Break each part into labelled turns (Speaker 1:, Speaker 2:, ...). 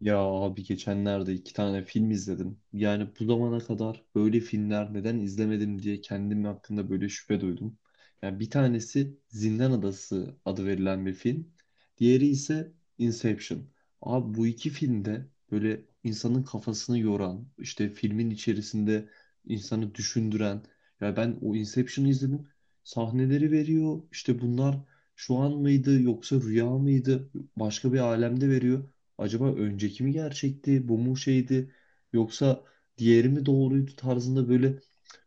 Speaker 1: Ya abi geçenlerde iki tane film izledim. Yani bu zamana kadar böyle filmler neden izlemedim diye kendim hakkında böyle şüphe duydum. Yani bir tanesi Zindan Adası adı verilen bir film. Diğeri ise Inception. Abi bu iki filmde böyle insanın kafasını yoran, işte filmin içerisinde insanı düşündüren. Ya ben o Inception'ı izledim. Sahneleri veriyor. İşte bunlar şu an mıydı yoksa rüya mıydı? Başka bir alemde veriyor. Acaba önceki mi gerçekti, bu mu şeydi, yoksa diğeri mi doğruydu tarzında böyle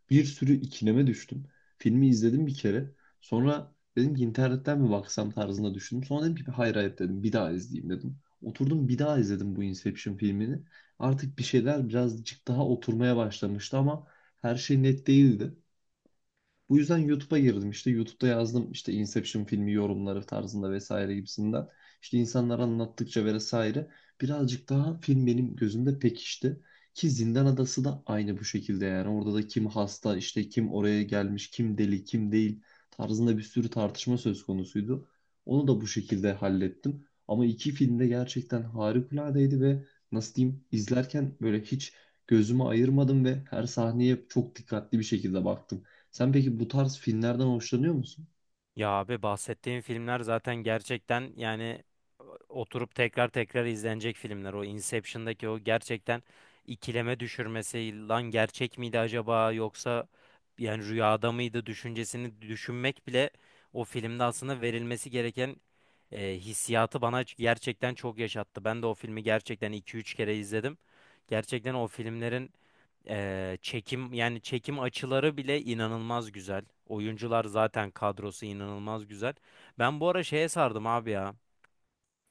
Speaker 1: bir sürü ikileme düştüm. Filmi izledim bir kere. Sonra dedim ki internetten mi baksam tarzında düşündüm. Sonra dedim ki hayır, hayır dedim, bir daha izleyeyim dedim. Oturdum bir daha izledim bu Inception filmini. Artık bir şeyler birazcık daha oturmaya başlamıştı, ama her şey net değildi. Bu yüzden YouTube'a girdim. İşte YouTube'da yazdım işte Inception filmi yorumları tarzında vesaire gibisinden. İşte insanlar anlattıkça vesaire birazcık daha film benim gözümde pekişti. Ki Zindan Adası da aynı bu şekilde yani. Orada da kim hasta, işte kim oraya gelmiş, kim deli, kim değil tarzında bir sürü tartışma söz konusuydu. Onu da bu şekilde hallettim. Ama iki film de gerçekten harikuladeydi ve nasıl diyeyim izlerken böyle hiç gözümü ayırmadım ve her sahneye çok dikkatli bir şekilde baktım. Sen peki bu tarz filmlerden hoşlanıyor musun?
Speaker 2: Ya abi bahsettiğim filmler zaten gerçekten oturup tekrar tekrar izlenecek filmler. O Inception'daki o gerçekten ikileme düşürmesi lan gerçek miydi acaba yoksa yani rüyada mıydı düşüncesini düşünmek bile o filmde aslında verilmesi gereken hissiyatı bana gerçekten çok yaşattı. Ben de o filmi gerçekten iki üç kere izledim. Gerçekten o filmlerin çekim yani çekim açıları bile inanılmaz güzel. Oyuncular zaten kadrosu inanılmaz güzel. Ben bu ara şeye sardım abi ya.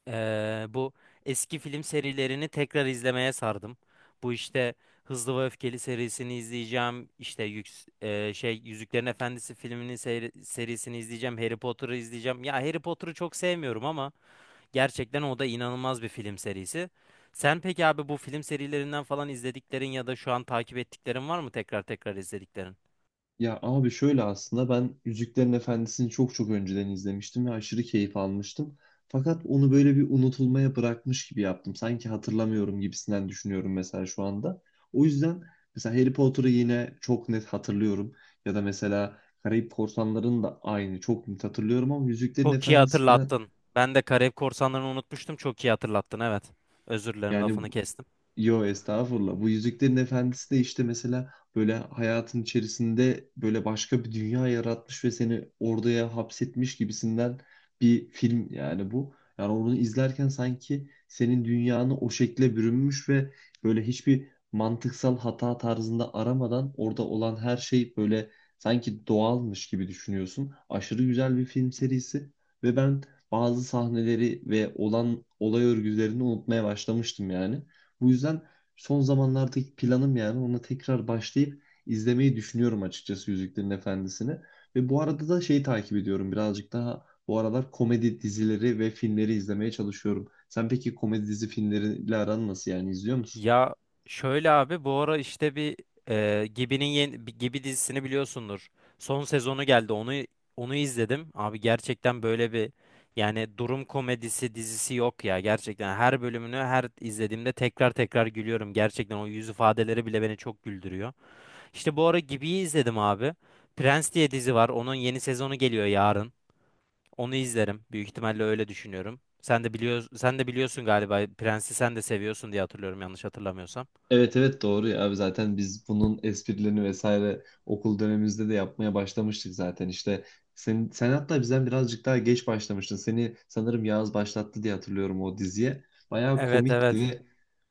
Speaker 2: Bu eski film serilerini tekrar izlemeye sardım. Bu işte Hızlı ve Öfkeli serisini izleyeceğim. İşte Yüzüklerin Efendisi filminin serisini izleyeceğim. Harry Potter'ı izleyeceğim. Ya Harry Potter'ı çok sevmiyorum ama gerçekten o da inanılmaz bir film serisi. Sen peki abi bu film serilerinden falan izlediklerin ya da şu an takip ettiklerin var mı, tekrar tekrar izlediklerin?
Speaker 1: Ya abi şöyle, aslında ben Yüzüklerin Efendisi'ni çok çok önceden izlemiştim ve aşırı keyif almıştım. Fakat onu böyle bir unutulmaya bırakmış gibi yaptım. Sanki hatırlamıyorum gibisinden düşünüyorum mesela şu anda. O yüzden mesela Harry Potter'ı yine çok net hatırlıyorum. Ya da mesela Karayip Korsanları'nı da aynı çok net hatırlıyorum, ama Yüzüklerin
Speaker 2: Çok iyi
Speaker 1: Efendisi biraz,
Speaker 2: hatırlattın. Ben de Karayip Korsanları'nı unutmuştum. Çok iyi hatırlattın, evet. Özür dilerim,
Speaker 1: yani...
Speaker 2: lafını kestim.
Speaker 1: Yo estağfurullah. Bu Yüzüklerin Efendisi de işte mesela böyle hayatın içerisinde böyle başka bir dünya yaratmış ve seni oraya hapsetmiş gibisinden bir film yani bu. Yani onu izlerken sanki senin dünyanı o şekle bürünmüş ve böyle hiçbir mantıksal hata tarzında aramadan orada olan her şey böyle sanki doğalmış gibi düşünüyorsun. Aşırı güzel bir film serisi ve ben bazı sahneleri ve olan olay örgülerini unutmaya başlamıştım yani. Bu yüzden son zamanlardaki planım, yani ona tekrar başlayıp izlemeyi düşünüyorum açıkçası, Yüzüklerin Efendisi'ni. Ve bu arada da şeyi takip ediyorum, birazcık daha bu aralar komedi dizileri ve filmleri izlemeye çalışıyorum. Sen peki komedi dizi filmleriyle aran nasıl, yani izliyor musun?
Speaker 2: Ya şöyle abi, bu ara işte Gibi'nin, yeni bir Gibi dizisini biliyorsundur. Son sezonu geldi. Onu izledim. Abi gerçekten böyle bir, yani durum komedisi dizisi yok ya. Gerçekten her bölümünü her izlediğimde tekrar tekrar gülüyorum. Gerçekten o yüz ifadeleri bile beni çok güldürüyor. İşte bu ara Gibi'yi izledim abi. Prens diye dizi var. Onun yeni sezonu geliyor yarın. Onu izlerim, büyük ihtimalle öyle düşünüyorum. Sen de biliyorsun galiba, Prens'i sen de seviyorsun diye hatırlıyorum, yanlış hatırlamıyorsam.
Speaker 1: Evet, evet, doğru ya abi, zaten biz bunun esprilerini vesaire okul dönemimizde de yapmaya başlamıştık zaten. İşte sen hatta bizden birazcık daha geç başlamıştın, seni sanırım Yağız başlattı diye hatırlıyorum o diziye. Bayağı
Speaker 2: Evet,
Speaker 1: komikti
Speaker 2: evet.
Speaker 1: ve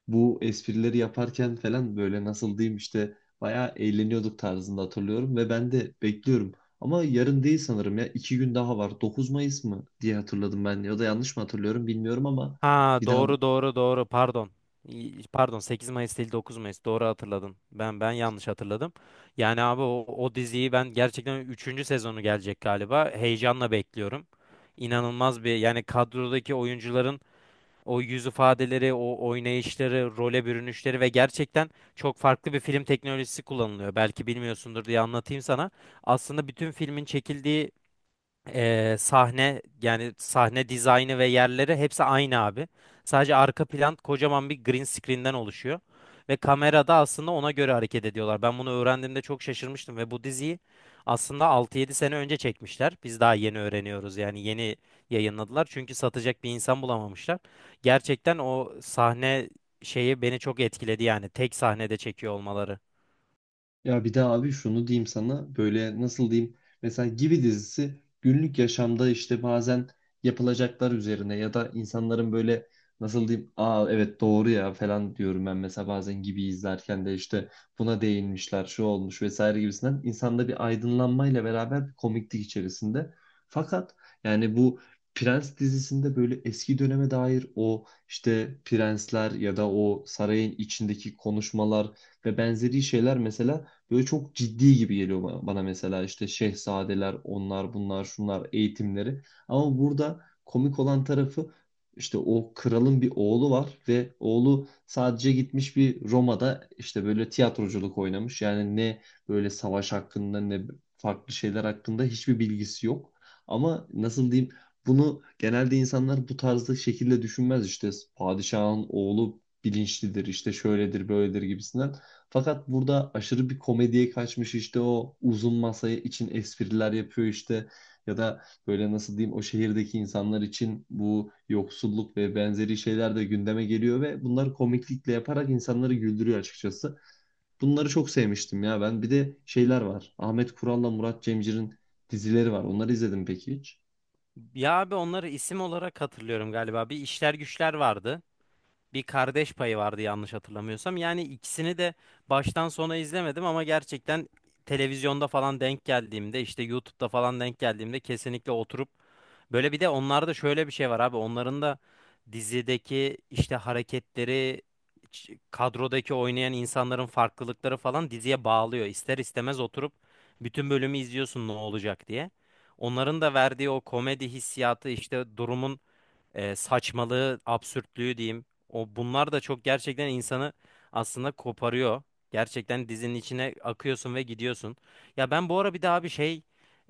Speaker 1: bu esprileri yaparken falan böyle nasıl diyeyim işte bayağı eğleniyorduk tarzında hatırlıyorum ve ben de bekliyorum, ama yarın değil sanırım, ya iki gün daha var, 9 Mayıs mı diye hatırladım ben, ya da yanlış mı hatırlıyorum bilmiyorum, ama
Speaker 2: Ha
Speaker 1: bir daha...
Speaker 2: doğru, doğru, doğru, pardon. İyi, pardon, 8 Mayıs değil 9 Mayıs, doğru hatırladın. Ben yanlış hatırladım. Yani abi o, o diziyi ben gerçekten, üçüncü sezonu gelecek galiba. Heyecanla bekliyorum. İnanılmaz bir, yani kadrodaki oyuncuların o yüz ifadeleri, o oynayışları, role bürünüşleri ve gerçekten çok farklı bir film teknolojisi kullanılıyor. Belki bilmiyorsundur diye anlatayım sana. Aslında bütün filmin çekildiği sahne, yani sahne dizaynı ve yerleri hepsi aynı abi. Sadece arka plan kocaman bir green screen'den oluşuyor. Ve kamerada aslında ona göre hareket ediyorlar. Ben bunu öğrendiğimde çok şaşırmıştım ve bu diziyi aslında altı yedi sene önce çekmişler. Biz daha yeni öğreniyoruz, yani yeni yayınladılar. Çünkü satacak bir insan bulamamışlar. Gerçekten o sahne şeyi beni çok etkiledi, yani tek sahnede çekiyor olmaları.
Speaker 1: Ya bir de abi şunu diyeyim sana, böyle nasıl diyeyim, mesela Gibi dizisi günlük yaşamda işte bazen yapılacaklar üzerine ya da insanların böyle nasıl diyeyim, aa evet doğru ya falan diyorum ben mesela bazen Gibi izlerken de, işte buna değinmişler, şu olmuş vesaire gibisinden, insanda bir aydınlanmayla beraber bir komiklik içerisinde. Fakat yani bu Prens dizisinde böyle eski döneme dair o işte prensler ya da o sarayın içindeki konuşmalar ve benzeri şeyler mesela böyle çok ciddi gibi geliyor bana, mesela işte şehzadeler, onlar, bunlar, şunlar, eğitimleri. Ama burada komik olan tarafı, işte o kralın bir oğlu var ve oğlu sadece gitmiş bir Roma'da işte böyle tiyatroculuk oynamış. Yani ne böyle savaş hakkında, ne farklı şeyler hakkında hiçbir bilgisi yok. Ama nasıl diyeyim, bunu genelde insanlar bu tarzda şekilde düşünmez, işte padişahın oğlu bilinçlidir, işte şöyledir böyledir gibisinden. Fakat burada aşırı bir komediye kaçmış, işte o uzun masaya için espriler yapıyor, işte ya da böyle nasıl diyeyim o şehirdeki insanlar için bu yoksulluk ve benzeri şeyler de gündeme geliyor ve bunları komiklikle yaparak insanları güldürüyor açıkçası. Bunları çok sevmiştim ya ben. Bir de şeyler var, Ahmet Kural'la Murat Cemcir'in dizileri var. Onları izledim peki hiç?
Speaker 2: Ya abi, onları isim olarak hatırlıyorum galiba. Bir işler güçler vardı, bir Kardeş Payı vardı yanlış hatırlamıyorsam. Yani ikisini de baştan sona izlemedim ama gerçekten televizyonda falan denk geldiğimde, işte YouTube'da falan denk geldiğimde kesinlikle oturup, böyle bir de onlarda şöyle bir şey var abi, onların da dizideki işte hareketleri, kadrodaki oynayan insanların farklılıkları falan diziye bağlıyor. İster istemez oturup bütün bölümü izliyorsun ne olacak diye. Onların da verdiği o komedi hissiyatı, işte durumun saçmalığı, absürtlüğü diyeyim. O, bunlar da çok gerçekten insanı aslında koparıyor. Gerçekten dizinin içine akıyorsun ve gidiyorsun. Ya ben bu ara bir daha bir şey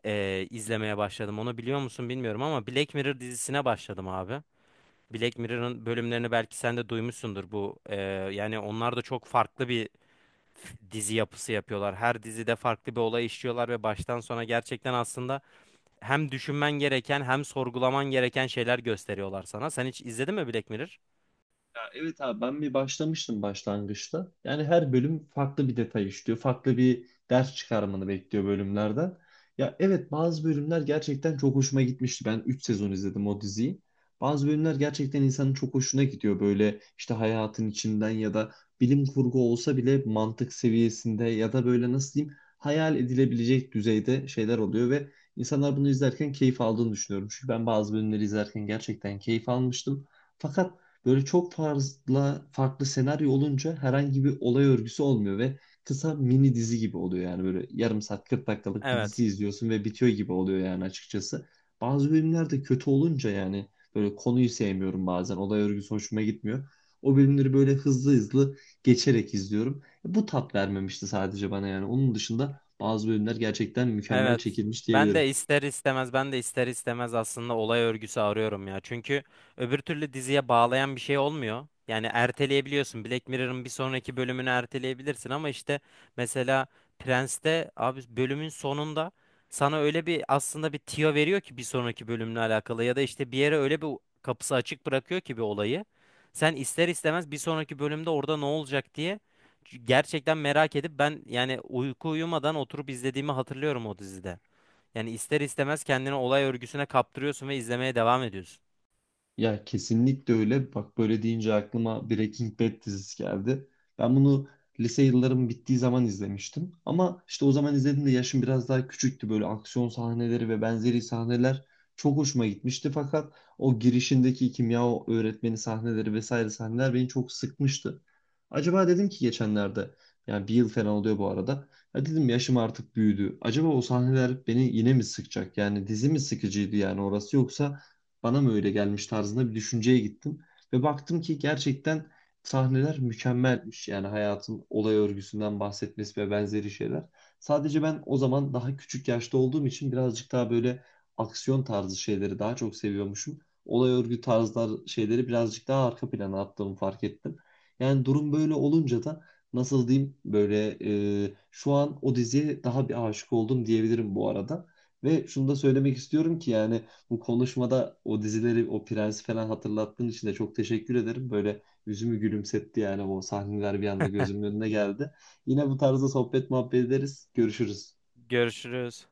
Speaker 2: e, izlemeye başladım. Onu biliyor musun bilmiyorum ama Black Mirror dizisine başladım abi. Black Mirror'ın bölümlerini belki sen de duymuşsundur bu. Yani onlar da çok farklı bir dizi yapısı yapıyorlar. Her dizide farklı bir olay işliyorlar ve baştan sona gerçekten aslında hem düşünmen gereken hem sorgulaman gereken şeyler gösteriyorlar sana. Sen hiç izledin mi Black Mirror?
Speaker 1: Ya evet abi, ben bir başlamıştım başlangıçta. Yani her bölüm farklı bir detay işliyor. Farklı bir ders çıkarmanı bekliyor bölümlerden. Ya evet, bazı bölümler gerçekten çok hoşuma gitmişti. Ben 3 sezon izledim o diziyi. Bazı bölümler gerçekten insanın çok hoşuna gidiyor. Böyle işte hayatın içinden ya da bilim kurgu olsa bile mantık seviyesinde ya da böyle nasıl diyeyim hayal edilebilecek düzeyde şeyler oluyor ve insanlar bunu izlerken keyif aldığını düşünüyorum. Çünkü ben bazı bölümleri izlerken gerçekten keyif almıştım. Fakat böyle çok fazla farklı senaryo olunca herhangi bir olay örgüsü olmuyor ve kısa mini dizi gibi oluyor, yani böyle yarım saat 40 dakikalık bir
Speaker 2: Evet.
Speaker 1: dizi izliyorsun ve bitiyor gibi oluyor yani açıkçası. Bazı bölümler de kötü olunca yani böyle konuyu sevmiyorum, bazen olay örgüsü hoşuma gitmiyor. O bölümleri böyle hızlı hızlı geçerek izliyorum. Bu tat vermemişti sadece bana yani. Onun dışında bazı bölümler gerçekten mükemmel
Speaker 2: Evet.
Speaker 1: çekilmiş diyebilirim.
Speaker 2: Ben de ister istemez aslında olay örgüsü arıyorum ya. Çünkü öbür türlü diziye bağlayan bir şey olmuyor. Yani erteleyebiliyorsun. Black Mirror'ın bir sonraki bölümünü erteleyebilirsin ama işte mesela Prens'te abi, bölümün sonunda sana öyle bir aslında bir tüyo veriyor ki bir sonraki bölümle alakalı, ya da işte bir yere öyle bir kapısı açık bırakıyor ki bir olayı. Sen ister istemez bir sonraki bölümde orada ne olacak diye gerçekten merak edip, ben yani uyku uyumadan oturup izlediğimi hatırlıyorum o dizide. Yani ister istemez kendini olay örgüsüne kaptırıyorsun ve izlemeye devam ediyorsun.
Speaker 1: Ya kesinlikle öyle. Bak böyle deyince aklıma Breaking Bad dizisi geldi. Ben bunu lise yıllarım bittiği zaman izlemiştim. Ama işte o zaman izlediğimde yaşım biraz daha küçüktü. Böyle aksiyon sahneleri ve benzeri sahneler çok hoşuma gitmişti. Fakat o girişindeki kimya öğretmeni sahneleri vesaire sahneler beni çok sıkmıştı. Acaba dedim ki geçenlerde, yani bir yıl falan oluyor bu arada. Ya dedim yaşım artık büyüdü, acaba o sahneler beni yine mi sıkacak? Yani dizi mi sıkıcıydı yani orası, yoksa bana mı öyle gelmiş tarzında bir düşünceye gittim. Ve baktım ki gerçekten sahneler mükemmelmiş. Yani hayatın olay örgüsünden bahsetmesi ve benzeri şeyler. Sadece ben o zaman daha küçük yaşta olduğum için birazcık daha böyle aksiyon tarzı şeyleri daha çok seviyormuşum. Olay örgü tarzlar şeyleri birazcık daha arka plana attığımı fark ettim. Yani durum böyle olunca da nasıl diyeyim böyle şu an o diziye daha bir aşık oldum diyebilirim bu arada. Ve şunu da söylemek istiyorum ki, yani bu konuşmada o dizileri, o prensi falan hatırlattığın için de çok teşekkür ederim. Böyle yüzümü gülümsetti, yani o sahneler bir anda gözümün önüne geldi. Yine bu tarzda sohbet muhabbet ederiz. Görüşürüz.
Speaker 2: Görüşürüz.